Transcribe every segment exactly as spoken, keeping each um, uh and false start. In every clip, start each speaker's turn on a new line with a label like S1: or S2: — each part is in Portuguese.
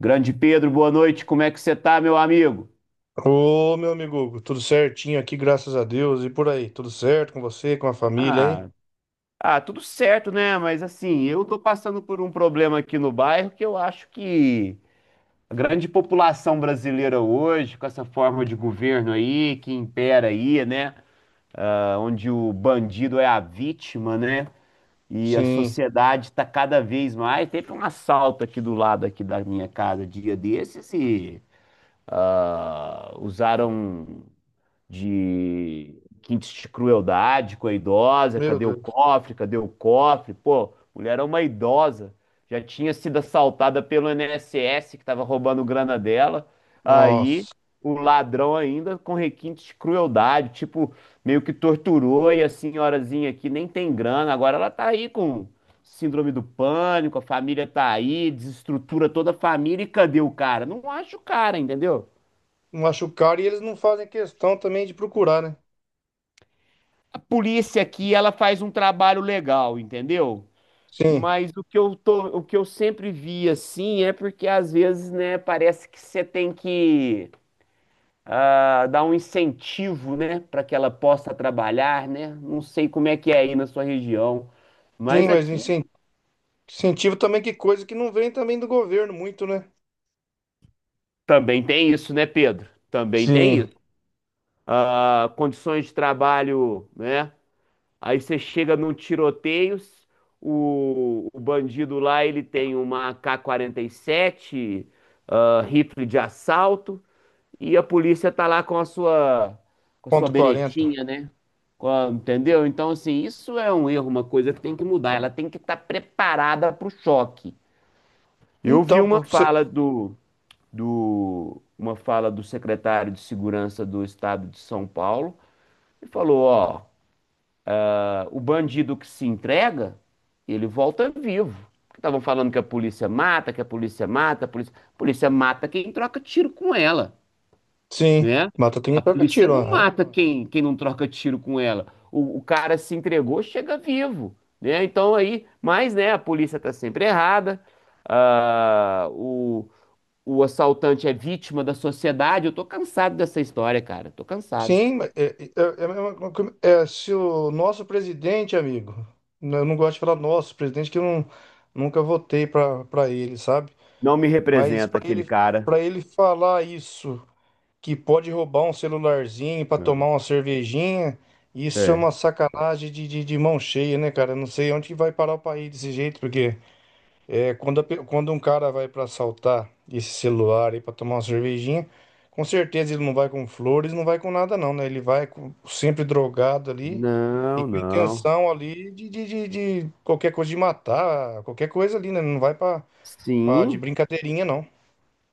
S1: Grande Pedro, boa noite. Como é que você tá, meu amigo?
S2: Ô, meu amigo, Hugo, tudo certinho aqui, graças a Deus. E por aí, tudo certo com você, com a família aí?
S1: Ah, ah, Tudo certo, né? Mas assim, eu tô passando por um problema aqui no bairro que eu acho que a grande população brasileira hoje, com essa forma de governo aí que impera aí, né? Ah, onde o bandido é a vítima, né? E a
S2: Sim.
S1: sociedade tá cada vez mais. Teve um assalto aqui do lado aqui da minha casa dia desses e ah, usaram de quintes de crueldade com a idosa,
S2: Meu
S1: cadê o
S2: Deus.
S1: cofre, cadê o cofre? Pô, mulher é uma idosa, já tinha sido assaltada pelo I N S S que estava roubando grana dela. Aí
S2: Nossa.
S1: o ladrão ainda com requintes de crueldade, tipo, meio que torturou e a senhorazinha aqui nem tem grana, agora ela tá aí com síndrome do pânico, a família tá aí, desestrutura toda a família e cadê o cara? Não acho o cara, entendeu?
S2: Machucaram, e eles não fazem questão também de procurar, né?
S1: A polícia aqui, ela faz um trabalho legal, entendeu?
S2: Sim.
S1: Mas o que eu tô, o que eu sempre vi assim é porque às vezes, né, parece que você tem que ah, dar um incentivo, né, para que ela possa trabalhar, né? Não sei como é que é aí na sua região, mas
S2: Sim, mas
S1: aqui
S2: incen- incentivo também, que coisa que não vem também do governo muito, né?
S1: também tem isso, né, Pedro? Também tem
S2: Sim.
S1: isso. Ah, condições de trabalho, né? Aí você chega num tiroteio, o, o bandido lá ele tem uma A K A K quarenta e sete, ah, rifle de assalto, e a polícia tá lá com a sua, com a sua
S2: Ponto quarenta.
S1: beretinha, né? Com a- entendeu? Então, assim, isso é um erro, uma coisa que tem que mudar. Ela tem que estar preparada para o choque. Eu vi
S2: Então, pra
S1: uma
S2: você...
S1: fala do, do, uma fala do secretário de Segurança do Estado de São Paulo e falou, ó, o bandido que se entrega, ele volta vivo. Estavam falando que a polícia mata, que a polícia mata, a polícia, a polícia mata quem troca tiro com ela,
S2: Sim.
S1: né?
S2: Mata tem
S1: A
S2: troca
S1: polícia
S2: tiro,
S1: não
S2: né?
S1: mata quem, quem não troca tiro com ela. O, o cara se entregou, chega vivo, né? Então aí, mas né, a polícia tá sempre errada, ah, o, o assaltante é vítima da sociedade. Eu tô cansado dessa história, cara. Tô cansado.
S2: Sim, mas é, é, é, a mesma é, se o nosso presidente, amigo, n- eu não gosto de falar nosso presidente, que eu não, nunca votei para para ele, sabe?
S1: Não me
S2: Mas
S1: representa
S2: para
S1: aquele
S2: ele,
S1: cara.
S2: para ele falar isso, que pode roubar um celularzinho para
S1: É.
S2: tomar uma cervejinha, isso é
S1: É.
S2: uma sacanagem de, de, de mão cheia, né, cara? Eu não sei onde que vai parar o país desse jeito, porque é, quando, a pe- quando um cara vai para assaltar esse celular aí para tomar uma cervejinha, com certeza ele não vai com flores, não vai com nada não, né? Ele vai com- sempre drogado ali e
S1: Não,
S2: com
S1: não.
S2: intenção ali de, de, de, de qualquer coisa, de matar, qualquer coisa ali, né? Não vai para de
S1: Sim.
S2: brincadeirinha não.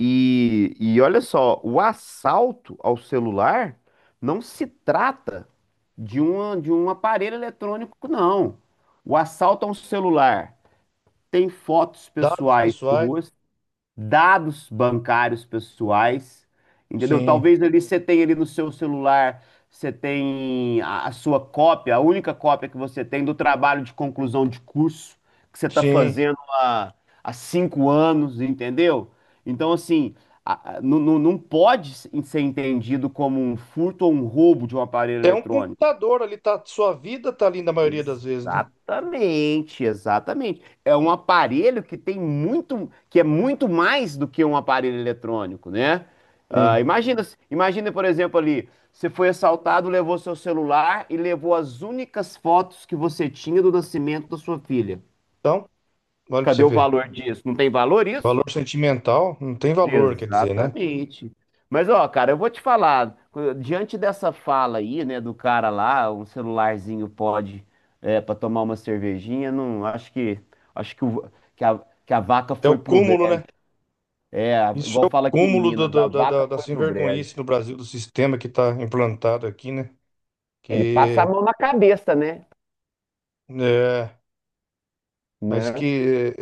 S1: E, e olha só, o assalto ao celular não se trata de uma, de um aparelho eletrônico, não. O assalto a um celular tem fotos
S2: Dados
S1: pessoais
S2: pessoais,
S1: suas, dados bancários pessoais, entendeu?
S2: sim,
S1: Talvez ali você tenha ali no seu celular, você tem a, a sua cópia, a única cópia que você tem do trabalho de conclusão de curso que você está
S2: sim.
S1: fazendo há, há cinco anos, entendeu? Então, assim, a- a- não, não não pode ser entendido como um furto ou um roubo de um aparelho
S2: É um
S1: eletrônico.
S2: computador ali, tá, sua vida tá ali na maioria das vezes, né?
S1: Exatamente, exatamente. É um aparelho que tem muito, que é muito mais do que um aparelho eletrônico, né? Ah,
S2: Sim.
S1: imagina, imagina, por exemplo, ali, você foi assaltado, levou seu celular e levou as únicas fotos que você tinha do nascimento da sua filha.
S2: Então, olha para
S1: Cadê
S2: você
S1: o
S2: ver.
S1: valor disso? Não tem valor isso?
S2: Valor sentimental não tem valor, quer dizer, né?
S1: Exatamente. Mas, ó, cara, eu vou te falar, co- diante dessa fala aí, né, do cara lá, um celularzinho pode, é, para tomar uma cervejinha, não, acho que, acho que, o- que a, que a vaca
S2: É o
S1: foi pro
S2: cúmulo,
S1: brejo.
S2: né?
S1: É, a-
S2: Isso
S1: igual
S2: é o
S1: fala aqui em
S2: cúmulo do-
S1: Minas, a
S2: do- da,
S1: vaca
S2: da, da
S1: foi
S2: sem
S1: pro brejo.
S2: vergonhice no Brasil, do sistema que está implantado aqui, né?
S1: Ele passa a
S2: Que,
S1: mão na cabeça, né?
S2: é, mas
S1: Né?
S2: que,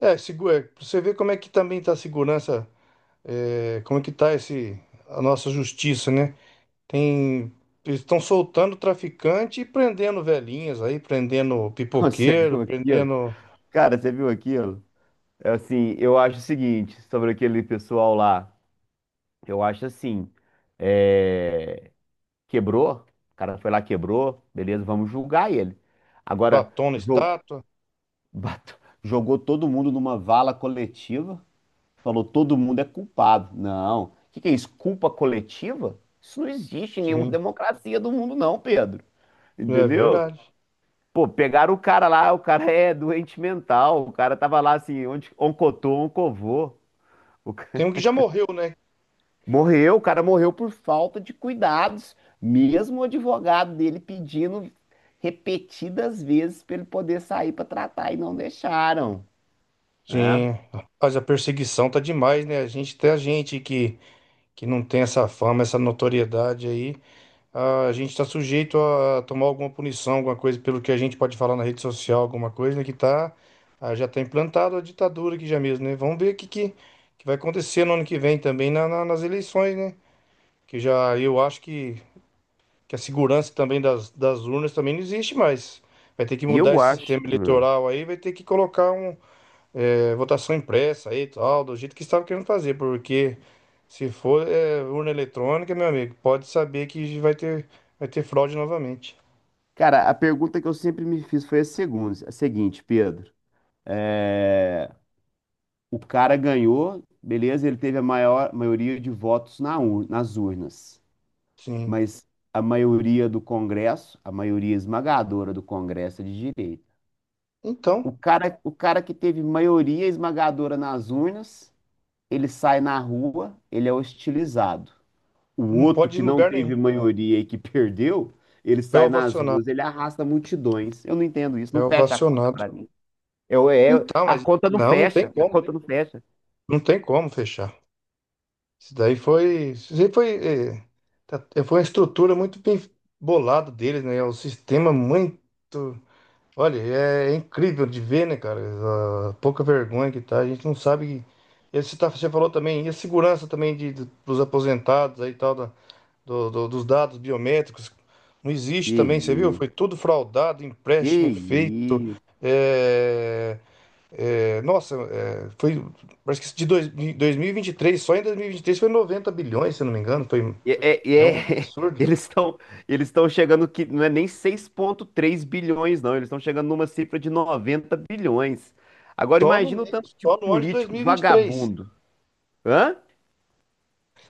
S2: é, é, é, segu- é, pra você ver como é que também está a segurança, é, como é que está esse, a nossa justiça, né? Tem, eles estão soltando traficante e prendendo velhinhas aí, prendendo
S1: Você
S2: pipoqueiro,
S1: viu aquilo?
S2: prendendo
S1: Cara, você viu aquilo? É. Assim, eu acho o seguinte, sobre aquele pessoal lá, eu acho assim. é... Quebrou, o cara foi lá, quebrou, beleza, vamos julgar ele. Agora,
S2: batom na
S1: jo-
S2: estátua.
S1: bat- jogou todo mundo numa vala coletiva, falou todo mundo é culpado. Não, o que que é isso? Culpa coletiva? Isso não existe em nenhuma
S2: Sim,
S1: democracia do mundo, não, Pedro.
S2: é
S1: Entendeu?
S2: verdade.
S1: Pô, pegaram o cara lá, o cara é doente mental, o cara tava lá assim, onde, oncotou, oncovô.
S2: Tem um que já morreu, né?
S1: Morreu, o cara morreu por falta de cuidados, mesmo o advogado dele pedindo repetidas vezes para ele poder sair para tratar e não deixaram, né?
S2: Sim, mas a perseguição tá demais, né? A gente, até a gente que, que não tem essa fama, essa notoriedade aí, a gente tá sujeito a tomar alguma punição, alguma coisa pelo que a gente pode falar na rede social, alguma coisa, né? Que tá, ah, já tá implantado a ditadura aqui já mesmo, né? Vamos ver o que, que, que vai acontecer no ano que vem também na- na- nas eleições, né? Que já eu acho que, que a segurança também das, das urnas também não existe mais. Vai ter que
S1: E
S2: mudar
S1: eu
S2: esse
S1: acho.
S2: sistema
S1: Hum.
S2: eleitoral aí, vai ter que colocar um, é, votação impressa aí e tal, do jeito que estava querendo fazer, porque se for é, urna eletrônica, meu amigo, pode saber que vai ter, vai ter fraude novamente.
S1: Cara, a pergunta que eu sempre me fiz foi a segunda, a seguinte, Pedro. É, o cara ganhou, beleza, ele teve a maior maioria de votos na ur- nas urnas,
S2: Sim.
S1: mas a maioria do Congresso, a maioria esmagadora do Congresso é de direita. O
S2: Então,
S1: cara, o cara que teve maioria esmagadora nas urnas, ele sai na rua, ele é hostilizado. O
S2: não
S1: outro
S2: pode ir
S1: que
S2: em
S1: não
S2: lugar nenhum.
S1: teve maioria e que perdeu, ele
S2: É
S1: sai nas ruas,
S2: ovacionado.
S1: ele arrasta multidões. Eu não entendo isso,
S2: É
S1: não fecha a conta
S2: ovacionado.
S1: pra mim. Eu, é,
S2: Então,
S1: a
S2: mas
S1: conta não
S2: não, não tem
S1: fecha, a
S2: como.
S1: conta não fecha.
S2: Não tem como fechar. Isso daí foi. Isso daí foi, é, tá- foi uma estrutura muito bem bolada deles, né? É um sistema muito... Olha, é é incrível de ver, né, cara? A pouca vergonha que tá. A gente não sabe. E você, tá, você falou também, e a segurança também de, de- dos aposentados aí e tal, da- do- do- dos dados biométricos. Não existe
S1: Que
S2: também, você viu? Foi
S1: isso?
S2: tudo fraudado, empréstimo feito.
S1: que
S2: É, é, nossa, é, foi. Parece que de, dois, de dois mil e vinte e três, só em dois mil e vinte e três foi noventa bilhões, se eu não me engano. Foi,
S1: E, é- é, e
S2: é um
S1: é-
S2: absurdo.
S1: eles estão eles estão chegando que não é nem seis vírgula três bilhões, não. Eles estão chegando numa cifra de noventa bilhões. Agora
S2: Só no,
S1: imagina o
S2: mês-
S1: tanto de
S2: só no ano de
S1: político
S2: dois mil e vinte e três.
S1: vagabundo. Hã?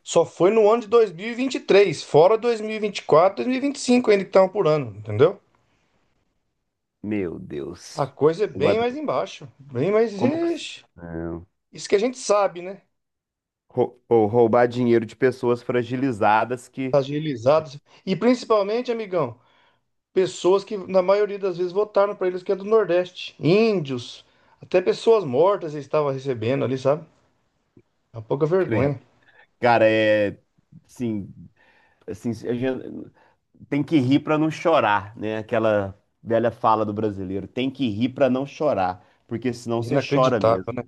S2: Só foi no ano de dois mil e e vinte e três, fora dois dois mil mil e quatro, dois mil e vinte quatro, e dois mil e vinte e cinco ainda que estavam por ano, entendeu?
S1: Meu Deus.
S2: A coisa é bem
S1: Agora,
S2: mais embaixo, bem mais.
S1: como que.
S2: Ixi,
S1: Não.
S2: isso que a gente sabe, né?
S1: Rou- Ou roubar dinheiro de pessoas fragilizadas que.
S2: Agilizados. E principalmente, amigão, pessoas que na maioria das vezes votaram para eles, que é do Nordeste. Índios, até pessoas mortas eles estavam recebendo ali, sabe? É uma pouca
S1: Credo.
S2: vergonha.
S1: Cara, é. Sim. Assim, a gente tem que rir para não chorar, né? Aquela velha fala do brasileiro, tem que rir para não chorar, porque senão você chora
S2: Inacreditável, né?
S1: mesmo.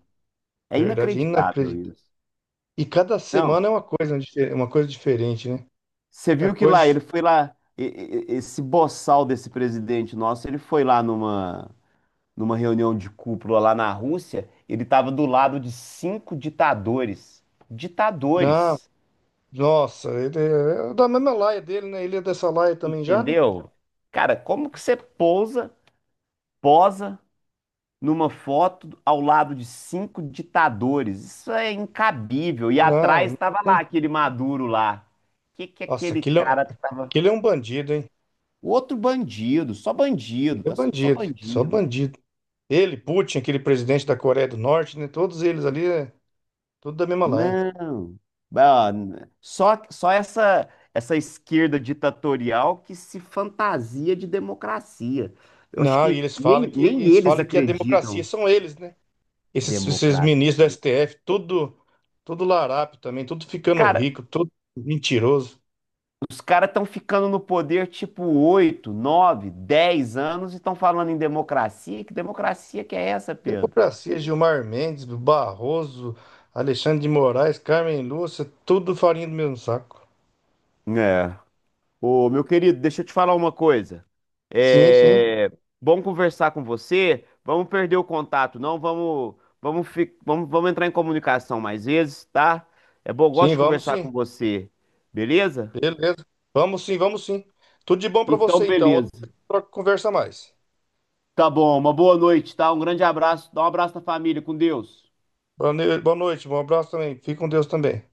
S1: É
S2: Verdade,
S1: inacreditável
S2: inacreditável.
S1: isso.
S2: E cada
S1: Não,
S2: semana é uma coisa, dife- uma coisa diferente, né?
S1: você
S2: Cada
S1: viu que lá
S2: coisa.
S1: ele foi lá, e- e- esse boçal desse presidente nosso, ele foi lá numa numa reunião de cúpula lá na Rússia, ele estava do lado de cinco ditadores,
S2: Não.
S1: ditadores,
S2: Nossa, ele é é da mesma laia dele, né? Ele é dessa laia também já, né?
S1: entendeu? Cara, como que você pousa, posa numa foto ao lado de cinco ditadores. Isso é incabível. E atrás
S2: Não,
S1: estava lá aquele Maduro lá. O que que
S2: nossa,
S1: aquele
S2: aquele, é- um,
S1: cara tava?
S2: aquele é um bandido, hein?
S1: Outro bandido, só
S2: Ele
S1: bandido,
S2: é
S1: tá? Só
S2: bandido, só
S1: bandido.
S2: bandido. Ele, Putin, aquele presidente da Coreia do Norte, né? Todos eles ali, é tudo da mesma laia.
S1: Não. Ah, n- Só só essa essa esquerda ditatorial que se fantasia de democracia. Eu acho
S2: Não, e
S1: que
S2: eles falam
S1: nem,
S2: que
S1: nem
S2: eles
S1: eles
S2: falam que a democracia
S1: acreditam
S2: são eles, né? Esses, esses
S1: democracia.
S2: ministros do S T F, tudo, tudo larápio também, tudo ficando
S1: Cara,
S2: rico, tudo mentiroso.
S1: Os caras estão ficando no poder tipo oito, nove, dez anos e estão falando em democracia. Que democracia que é essa, Pedro?
S2: Democracia, Gilmar Mendes, Barroso, Alexandre de Moraes, Carmen Lúcia, tudo farinha do mesmo saco.
S1: É. Ô, meu querido, deixa eu te falar uma coisa.
S2: Sim, sim,
S1: É bom conversar com você. Vamos perder o contato, não? Vamos, vamos, fi- vamos, vamos entrar em comunicação mais vezes, tá? É bom, eu gosto
S2: sim,
S1: de
S2: vamos
S1: conversar
S2: sim.
S1: com você. Beleza?
S2: Beleza. Vamos sim, vamos sim. Tudo de bom pra
S1: Então,
S2: você então. Outra
S1: beleza.
S2: hora a gente troca- conversa mais.
S1: Tá bom, uma boa noite, tá? Um grande abraço. Dá um abraço na família, com Deus.
S2: Boa noite, boa noite, um abraço também. Fique com Deus também.